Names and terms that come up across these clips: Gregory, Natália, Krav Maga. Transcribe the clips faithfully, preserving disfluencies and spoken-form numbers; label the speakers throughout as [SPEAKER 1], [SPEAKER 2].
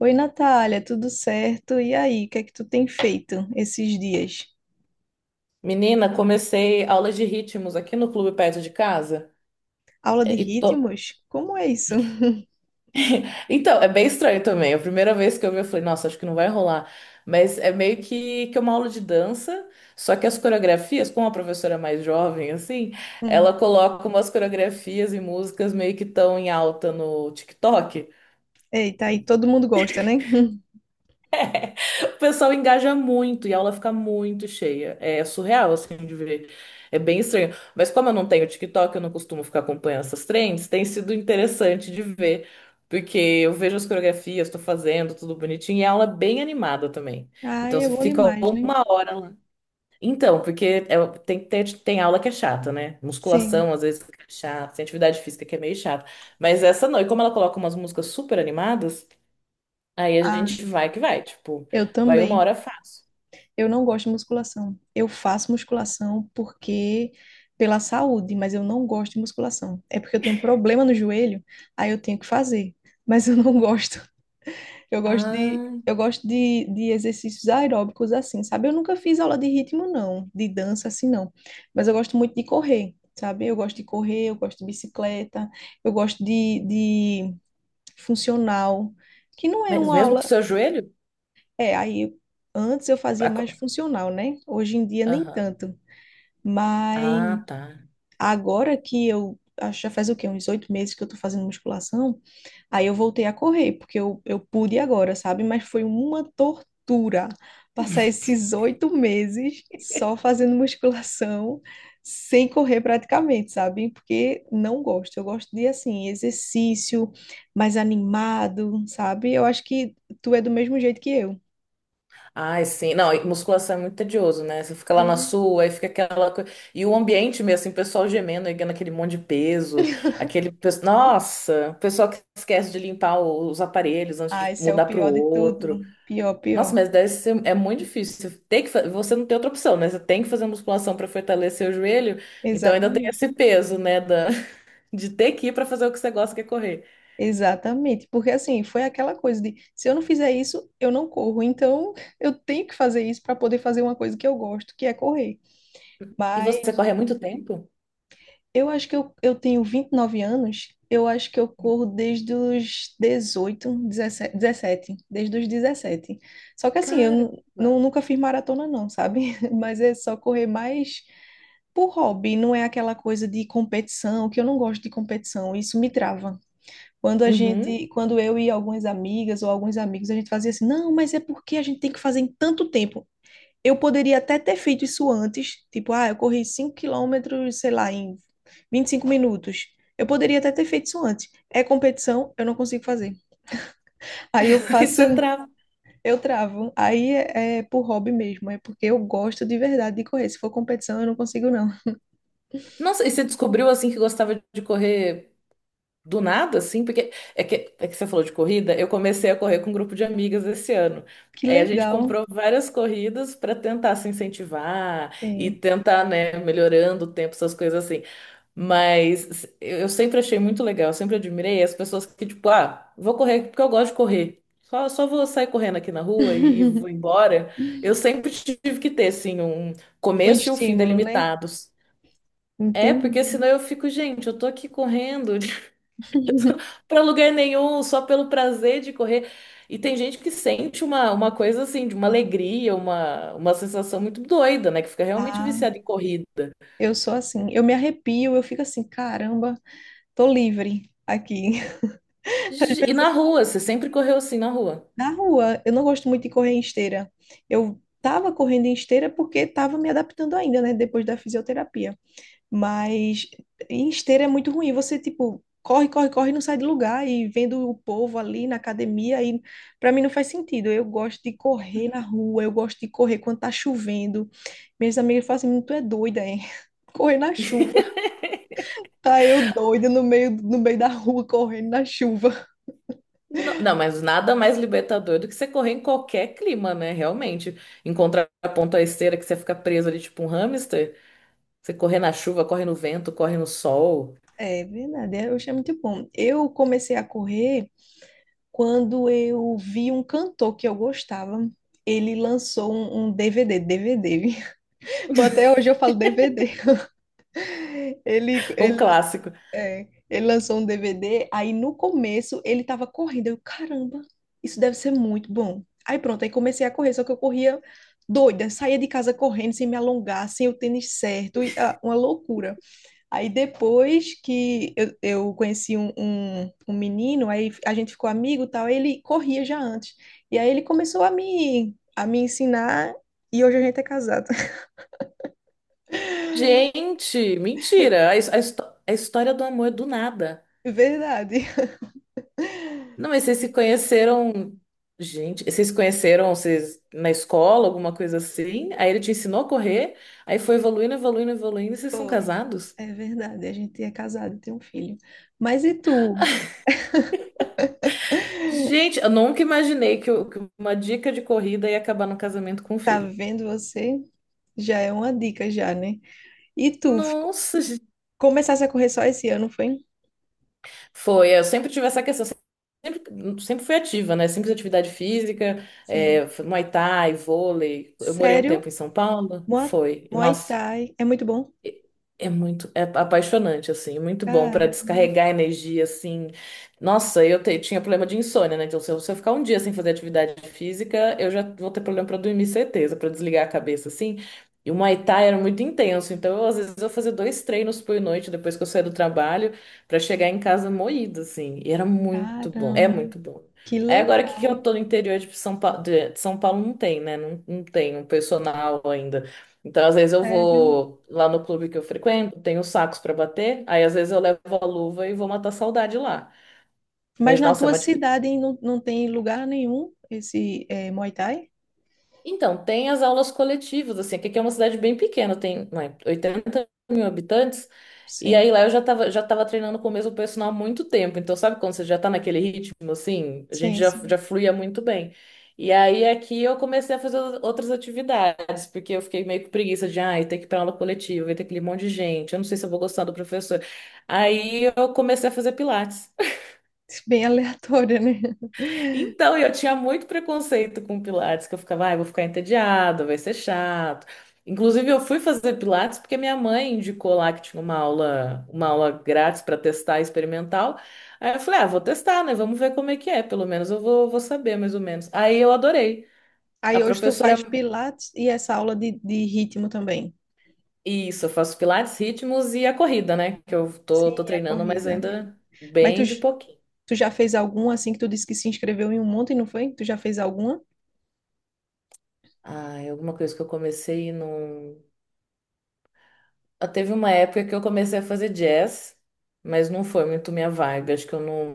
[SPEAKER 1] Oi, Natália, tudo certo? E aí, o que é que tu tem feito esses dias?
[SPEAKER 2] Menina, comecei aula de ritmos aqui no clube perto de casa.
[SPEAKER 1] Aula de
[SPEAKER 2] É, e tô-
[SPEAKER 1] ritmos? Como é isso?
[SPEAKER 2] Então, é bem estranho também. A primeira vez que eu vi, eu falei, nossa, acho que não vai rolar. Mas é meio que, que é uma aula de dança, só que as coreografias, como a professora é mais jovem, assim, ela
[SPEAKER 1] Hum.
[SPEAKER 2] coloca umas coreografias e músicas meio que estão em alta no TikTok.
[SPEAKER 1] Eita, aí todo mundo gosta, né?
[SPEAKER 2] O pessoal engaja muito e a aula fica muito cheia. É surreal, assim, de ver. É bem estranho. Mas como eu não tenho TikTok, eu não costumo ficar acompanhando essas trends, tem sido interessante de ver. Porque eu vejo as coreografias, estou fazendo, tudo bonitinho, e a aula é bem animada também. Então
[SPEAKER 1] Ai, é
[SPEAKER 2] você
[SPEAKER 1] bom
[SPEAKER 2] fica
[SPEAKER 1] demais, né?
[SPEAKER 2] uma hora lá. Então, porque é- tem, tem, tem aula que é chata, né?
[SPEAKER 1] Sim.
[SPEAKER 2] Musculação, às vezes, é chata, tem atividade física que é meio chata. Mas essa não. E como ela coloca umas músicas super animadas, aí a
[SPEAKER 1] Ah,
[SPEAKER 2] gente vai que vai, tipo,
[SPEAKER 1] eu
[SPEAKER 2] vai uma
[SPEAKER 1] também.
[SPEAKER 2] hora fácil.
[SPEAKER 1] Eu não gosto de musculação. Eu faço musculação porque pela saúde, mas eu não gosto de musculação. É porque eu tenho um problema no joelho, aí eu tenho que fazer, mas eu não gosto. Eu gosto de,
[SPEAKER 2] Ah,
[SPEAKER 1] eu gosto de, de exercícios aeróbicos assim, sabe? Eu nunca fiz aula de ritmo, não, de dança assim, não. Mas eu gosto muito de correr, sabe? Eu gosto de correr, eu gosto de bicicleta, eu gosto de, de funcional, que não é
[SPEAKER 2] mas
[SPEAKER 1] uma
[SPEAKER 2] mesmo com o
[SPEAKER 1] aula.
[SPEAKER 2] seu joelho?
[SPEAKER 1] É, aí antes eu fazia
[SPEAKER 2] A
[SPEAKER 1] mais
[SPEAKER 2] co-
[SPEAKER 1] funcional, né? Hoje em dia nem
[SPEAKER 2] Aham.
[SPEAKER 1] tanto. Mas
[SPEAKER 2] Ah, tá.
[SPEAKER 1] agora que eu acho que já faz o quê? Uns oito meses que eu tô fazendo musculação. Aí eu voltei a correr, porque eu, eu pude agora, sabe? Mas foi uma tortura passar esses oito meses só fazendo musculação, sem correr praticamente, sabe? Porque não gosto. Eu gosto de, assim, exercício mais animado, sabe? Eu acho que tu é do mesmo jeito que eu.
[SPEAKER 2] Ai, sim. Não, e musculação é muito tedioso, né? Você fica lá na
[SPEAKER 1] Sim.
[SPEAKER 2] sua, aí fica aquela coisa. E o ambiente mesmo, assim, o pessoal gemendo, erguendo aquele monte de peso, aquele. pe- Nossa, o pessoal que esquece de limpar o- os aparelhos antes
[SPEAKER 1] Ah,
[SPEAKER 2] de
[SPEAKER 1] esse é o
[SPEAKER 2] mudar pro
[SPEAKER 1] pior de tudo.
[SPEAKER 2] outro.
[SPEAKER 1] Pior,
[SPEAKER 2] Nossa,
[SPEAKER 1] pior.
[SPEAKER 2] mas deve ser, é muito difícil. Você tem que... fa- Você não tem outra opção, né? Você tem que fazer musculação para fortalecer o joelho, então ainda tem
[SPEAKER 1] Exatamente.
[SPEAKER 2] esse peso, né? da- De ter que ir para fazer o que você gosta, que é correr.
[SPEAKER 1] Exatamente, porque assim, foi aquela coisa de se eu não fizer isso, eu não corro. Então, eu tenho que fazer isso para poder fazer uma coisa que eu gosto, que é correr.
[SPEAKER 2] E
[SPEAKER 1] Mas
[SPEAKER 2] você corre há muito tempo?
[SPEAKER 1] eu acho que eu, eu tenho vinte e nove anos, eu acho que eu corro desde os dezoito, dezessete, dezessete, desde os dezessete. Só que assim, eu nu-
[SPEAKER 2] Caramba!
[SPEAKER 1] nu- nunca fiz maratona não, sabe? Mas é só correr mais por hobby, não é aquela coisa de competição, que eu não gosto de competição, isso me trava. Quando a
[SPEAKER 2] Uhum.
[SPEAKER 1] gente, quando eu e algumas amigas ou alguns amigos, a gente fazia assim, não, mas é porque a gente tem que fazer em tanto tempo. Eu poderia até ter feito isso antes, tipo, ah, eu corri cinco quilômetros, sei lá, em vinte e cinco minutos. Eu poderia até ter feito isso antes. É competição, eu não consigo fazer. Aí eu faço,
[SPEAKER 2] Isso é trava.
[SPEAKER 1] eu travo. Aí é, é por hobby mesmo, é porque eu gosto de verdade de correr. Se for competição, eu não consigo, não.
[SPEAKER 2] Nossa, e você descobriu assim que gostava de correr do nada, assim, porque é que, é que você falou de corrida, eu comecei a correr com um grupo de amigas esse ano.
[SPEAKER 1] Que
[SPEAKER 2] Aí a gente
[SPEAKER 1] legal.
[SPEAKER 2] comprou várias corridas para tentar se incentivar e
[SPEAKER 1] Sim.
[SPEAKER 2] tentar, né, melhorando o tempo, essas coisas assim. Mas eu eu sempre achei muito legal, eu sempre admirei as pessoas que, tipo, ah, vou correr porque eu gosto de correr. Só, só vou sair correndo aqui na rua e, e vou embora. Eu sempre tive que ter, assim, um
[SPEAKER 1] Um
[SPEAKER 2] começo e um fim
[SPEAKER 1] estímulo, né?
[SPEAKER 2] delimitados. É, porque
[SPEAKER 1] Entendi.
[SPEAKER 2] senão eu fico, gente, eu tô aqui correndo. Para lugar nenhum, só pelo prazer de correr. E tem gente que sente uma, uma coisa assim, de uma alegria, uma, uma sensação muito doida, né? Que fica realmente
[SPEAKER 1] Ah,
[SPEAKER 2] viciada em corrida.
[SPEAKER 1] eu sou assim, eu me arrepio, eu fico assim, caramba, tô livre aqui.
[SPEAKER 2] Ge- E na rua, você sempre correu assim na rua.
[SPEAKER 1] Na rua, eu não gosto muito de correr em esteira. Eu tava correndo em esteira porque tava me adaptando ainda, né, depois da fisioterapia. Mas em esteira é muito ruim, você tipo corre, corre, corre, e não sai do lugar e vendo o povo ali na academia aí para mim não faz sentido. Eu gosto de correr na rua, eu gosto de correr quando tá chovendo. Minhas amigas falam assim, tu é doida, hein? Correr na chuva. Tá eu doida no meio, no meio da rua, correndo na chuva.
[SPEAKER 2] Não, não, mas nada mais libertador do que você correr em qualquer clima, né? Realmente. Em contraponto à esteira, que você fica preso ali, tipo um hamster. Você corre na chuva, corre no vento, corre no sol.
[SPEAKER 1] É verdade, eu achei muito bom. Eu comecei a correr quando eu vi um cantor que eu gostava. Ele lançou um, um D V D, D V D. Até hoje eu falo D V D. Ele,
[SPEAKER 2] Um
[SPEAKER 1] ele,
[SPEAKER 2] clássico.
[SPEAKER 1] é, ele lançou um D V D, aí no começo ele tava correndo. Eu, caramba, isso deve ser muito bom. Aí pronto, aí comecei a correr, só que eu corria doida, saía de casa correndo, sem me alongar, sem o tênis certo, e, ah, uma loucura. Aí depois que eu, eu conheci um, um, um menino, aí a gente ficou amigo e tal, ele corria já antes. E aí ele começou a me, a me ensinar e hoje a gente é casado.
[SPEAKER 2] Gente, mentira. A, his- a histó- a história do amor do nada.
[SPEAKER 1] Verdade.
[SPEAKER 2] Não, mas vocês se conheceram, gente, vocês se conheceram vocês, na escola, alguma coisa assim? Aí ele te ensinou a correr, aí foi evoluindo, evoluindo, evoluindo, e vocês são
[SPEAKER 1] Foi.
[SPEAKER 2] casados?
[SPEAKER 1] É verdade, a gente é casado, tem um filho. Mas e tu?
[SPEAKER 2] Gente, eu nunca imaginei que, eu- que uma dica de corrida ia acabar no casamento com um
[SPEAKER 1] Tá
[SPEAKER 2] filho.
[SPEAKER 1] vendo você? Já é uma dica já, né? E tu, fico-
[SPEAKER 2] Nossa, gente.
[SPEAKER 1] começasse a correr só esse ano, foi?
[SPEAKER 2] Foi, eu sempre tive essa questão, sempre, sempre fui ativa, né? Sempre fiz atividade física,
[SPEAKER 1] Sim.
[SPEAKER 2] é, Muay Thai, vôlei. Eu morei um
[SPEAKER 1] Sério?
[SPEAKER 2] tempo em São Paulo,
[SPEAKER 1] Mua-
[SPEAKER 2] foi.
[SPEAKER 1] Muay
[SPEAKER 2] Nossa.
[SPEAKER 1] Thai é muito bom?
[SPEAKER 2] É muito, é apaixonante, assim, é muito bom para
[SPEAKER 1] Cara.
[SPEAKER 2] descarregar energia, assim. Nossa, eu te- tinha problema de insônia, né? Então, se eu, se eu ficar um dia sem fazer atividade física, eu já vou ter problema para dormir, certeza, para desligar a cabeça, assim. E o Muay Thai era muito intenso, então, eu, às vezes, eu fazia dois treinos por noite depois que eu saía do trabalho, para chegar em casa moída, assim. E era muito bom, é
[SPEAKER 1] Caramba,
[SPEAKER 2] muito bom.
[SPEAKER 1] que
[SPEAKER 2] Aí, agora que que
[SPEAKER 1] legal,
[SPEAKER 2] eu tô no interior de São Paulo, de São Paulo não tem, né? Não, não tem um personal ainda. Então, às vezes eu
[SPEAKER 1] sério.
[SPEAKER 2] vou lá no clube que eu frequento, tenho sacos para bater, aí às vezes eu levo a luva e vou matar a saudade lá.
[SPEAKER 1] Mas
[SPEAKER 2] Mas
[SPEAKER 1] na
[SPEAKER 2] nossa, é
[SPEAKER 1] tua
[SPEAKER 2] uma
[SPEAKER 1] cidade hein, não, não tem lugar nenhum esse eh, Muay Thai?
[SPEAKER 2] Então, tem as aulas coletivas, assim, que aqui é uma cidade bem pequena, tem, ué, oitenta mil habitantes, e
[SPEAKER 1] Sim,
[SPEAKER 2] aí lá eu já tava, já tava treinando com o mesmo personal há muito tempo, então sabe quando você já tá naquele ritmo, assim, a gente
[SPEAKER 1] sim,
[SPEAKER 2] já,
[SPEAKER 1] sim.
[SPEAKER 2] já fluía muito bem. E aí aqui eu comecei a fazer outras atividades, porque eu fiquei meio com preguiça de, ai, ter que ir pra aula coletiva, vai ter aquele monte de gente, eu não sei se eu vou gostar do professor. Aí eu comecei a fazer pilates.
[SPEAKER 1] Bem aleatório, né?
[SPEAKER 2] Então, eu tinha muito preconceito com Pilates, que eu ficava, ai, vou ficar entediada, vai ser chato. Inclusive, eu fui fazer Pilates porque minha mãe indicou lá que tinha uma aula, uma aula grátis para testar experimental. Aí eu falei, ah, vou testar, né? Vamos ver como é que é. Pelo menos eu vou, vou saber, mais ou menos. Aí eu adorei. A
[SPEAKER 1] Aí hoje tu
[SPEAKER 2] professora,
[SPEAKER 1] faz pilates e essa aula de, de ritmo também.
[SPEAKER 2] isso, eu faço Pilates, ritmos e a corrida, né? Que eu tô, tô
[SPEAKER 1] Sim, a
[SPEAKER 2] treinando, mas
[SPEAKER 1] corrida.
[SPEAKER 2] ainda
[SPEAKER 1] Mas tu,
[SPEAKER 2] bem de
[SPEAKER 1] j-
[SPEAKER 2] pouquinho.
[SPEAKER 1] tu já fez alguma assim que tu disse que se inscreveu em um monte, não foi? Tu já fez alguma?
[SPEAKER 2] Ah, alguma coisa que eu comecei e não. Ah, teve uma época que eu comecei a fazer jazz, mas não foi muito minha vibe. Acho que eu não,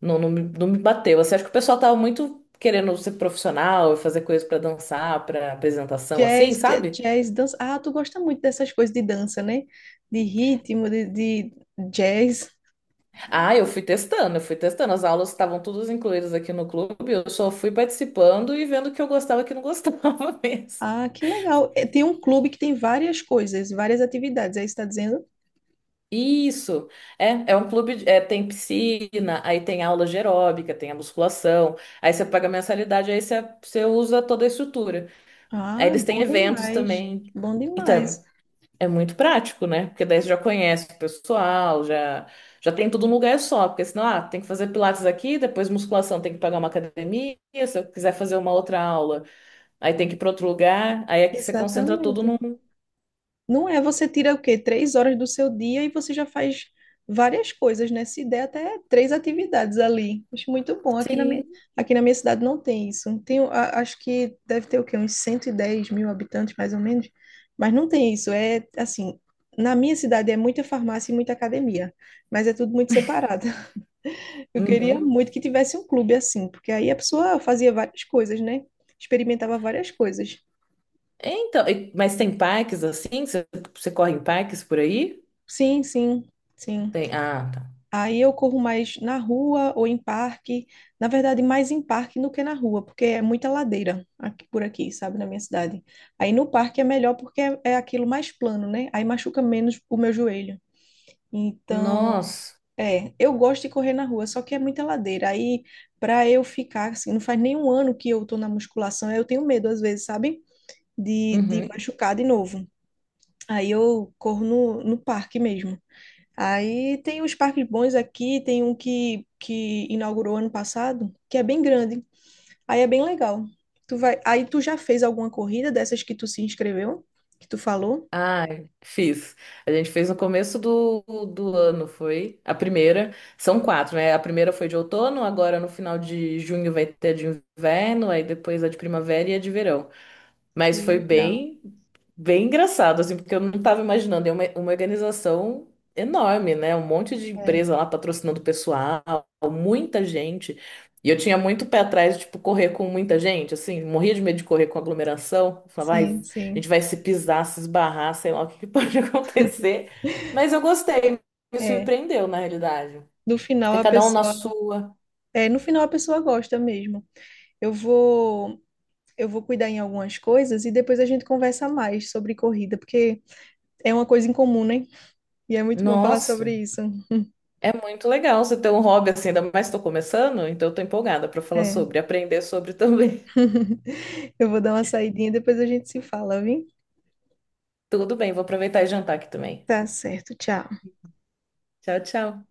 [SPEAKER 2] não, não, me, não me bateu. Assim, acho que o pessoal tava muito querendo ser profissional e fazer coisas pra dançar, pra apresentação, assim,
[SPEAKER 1] Jazz, j-
[SPEAKER 2] sabe?
[SPEAKER 1] jazz, dança. Ah, tu gosta muito dessas coisas de dança, né? De ritmo, de, de jazz.
[SPEAKER 2] Ah, eu fui testando, eu fui testando. As aulas estavam todas incluídas aqui no clube, eu só fui participando e vendo o que eu gostava e o que não gostava mesmo.
[SPEAKER 1] Ah, que legal. É, tem um clube que tem várias coisas, várias atividades. Aí está dizendo?
[SPEAKER 2] Isso, é, é um clube, de- é, tem piscina, aí tem aula de aeróbica, tem a musculação, aí você, paga mensalidade, aí você, você usa toda a estrutura. Aí
[SPEAKER 1] Ah,
[SPEAKER 2] eles têm
[SPEAKER 1] bom
[SPEAKER 2] eventos
[SPEAKER 1] demais.
[SPEAKER 2] também.
[SPEAKER 1] Bom demais.
[SPEAKER 2] Então, é muito prático, né? Porque daí você já conhece o pessoal, já, já tem tudo num lugar só. Porque senão, ah, tem que fazer pilates aqui, depois musculação, tem que pagar uma academia. Se eu quiser fazer uma outra aula, aí tem que ir para outro lugar. Aí aqui você concentra tudo
[SPEAKER 1] Exatamente.
[SPEAKER 2] num.
[SPEAKER 1] Não é você tira o quê? Três horas do seu dia e você já faz várias coisas, né? Se der até três atividades ali. Acho muito bom. Aqui na minha,
[SPEAKER 2] Sim.
[SPEAKER 1] aqui na minha cidade não tem isso. Tem, a- acho que deve ter o quê? Uns cento e dez mil habitantes, mais ou menos. Mas não tem isso. É assim, na minha cidade é muita farmácia e muita academia, mas é tudo muito separado. Eu queria
[SPEAKER 2] Uhum.
[SPEAKER 1] muito que tivesse um clube assim, porque aí a pessoa fazia várias coisas, né? Experimentava várias coisas.
[SPEAKER 2] Então, e- mas tem parques assim? Você, você corre em parques por aí?
[SPEAKER 1] Sim, sim, sim.
[SPEAKER 2] Tem. Ah, tá.
[SPEAKER 1] Aí eu corro mais na rua ou em parque. Na verdade, mais em parque do que na rua, porque é muita ladeira aqui por aqui, sabe, na minha cidade. Aí no parque é melhor porque é, é aquilo mais plano, né? Aí machuca menos o meu joelho. Então,
[SPEAKER 2] Nossa.
[SPEAKER 1] é, eu gosto de correr na rua, só que é muita ladeira. Aí, para eu ficar assim, não faz nem um ano que eu tô na musculação, aí eu tenho medo às vezes, sabe? de, de
[SPEAKER 2] Uhum.
[SPEAKER 1] machucar de novo. Aí eu corro no, no parque mesmo. Aí tem os parques bons aqui, tem um que, que inaugurou ano passado, que é bem grande. Aí é bem legal. Tu vai, aí tu já fez alguma corrida dessas que tu se inscreveu, que tu falou?
[SPEAKER 2] Ah, fiz. A gente fez no começo do, do ano, foi a primeira. São quatro, né? A primeira foi de outono, agora no final de junho vai ter a de inverno, aí depois a de primavera e a de verão.
[SPEAKER 1] Que
[SPEAKER 2] Mas foi
[SPEAKER 1] legal.
[SPEAKER 2] bem, bem engraçado, assim, porque eu não estava imaginando. É uma, uma organização enorme, né? Um monte de
[SPEAKER 1] É,
[SPEAKER 2] empresa lá patrocinando pessoal, muita gente. E eu tinha muito pé atrás, tipo, correr com muita gente, assim, morria de medo de correr com aglomeração. Eu falava, ai,
[SPEAKER 1] sim,
[SPEAKER 2] a
[SPEAKER 1] sim.
[SPEAKER 2] gente vai se pisar, se esbarrar, sei lá o que que pode acontecer. Mas eu gostei, me
[SPEAKER 1] É,
[SPEAKER 2] surpreendeu, na realidade.
[SPEAKER 1] no final
[SPEAKER 2] Fica
[SPEAKER 1] a
[SPEAKER 2] cada um na
[SPEAKER 1] pessoa,
[SPEAKER 2] sua.
[SPEAKER 1] é, no final a pessoa gosta mesmo. Eu vou, eu vou cuidar em algumas coisas e depois a gente conversa mais sobre corrida, porque é uma coisa em comum, né? E é muito bom falar
[SPEAKER 2] Nossa.
[SPEAKER 1] sobre isso.
[SPEAKER 2] É muito legal você ter um hobby assim, ainda mais estou começando, então estou empolgada para falar
[SPEAKER 1] É.
[SPEAKER 2] sobre, aprender sobre também.
[SPEAKER 1] Eu vou dar uma saidinha, depois a gente se fala, viu?
[SPEAKER 2] Tudo bem, vou aproveitar e jantar aqui também.
[SPEAKER 1] Tá certo, tchau.
[SPEAKER 2] Tchau, tchau.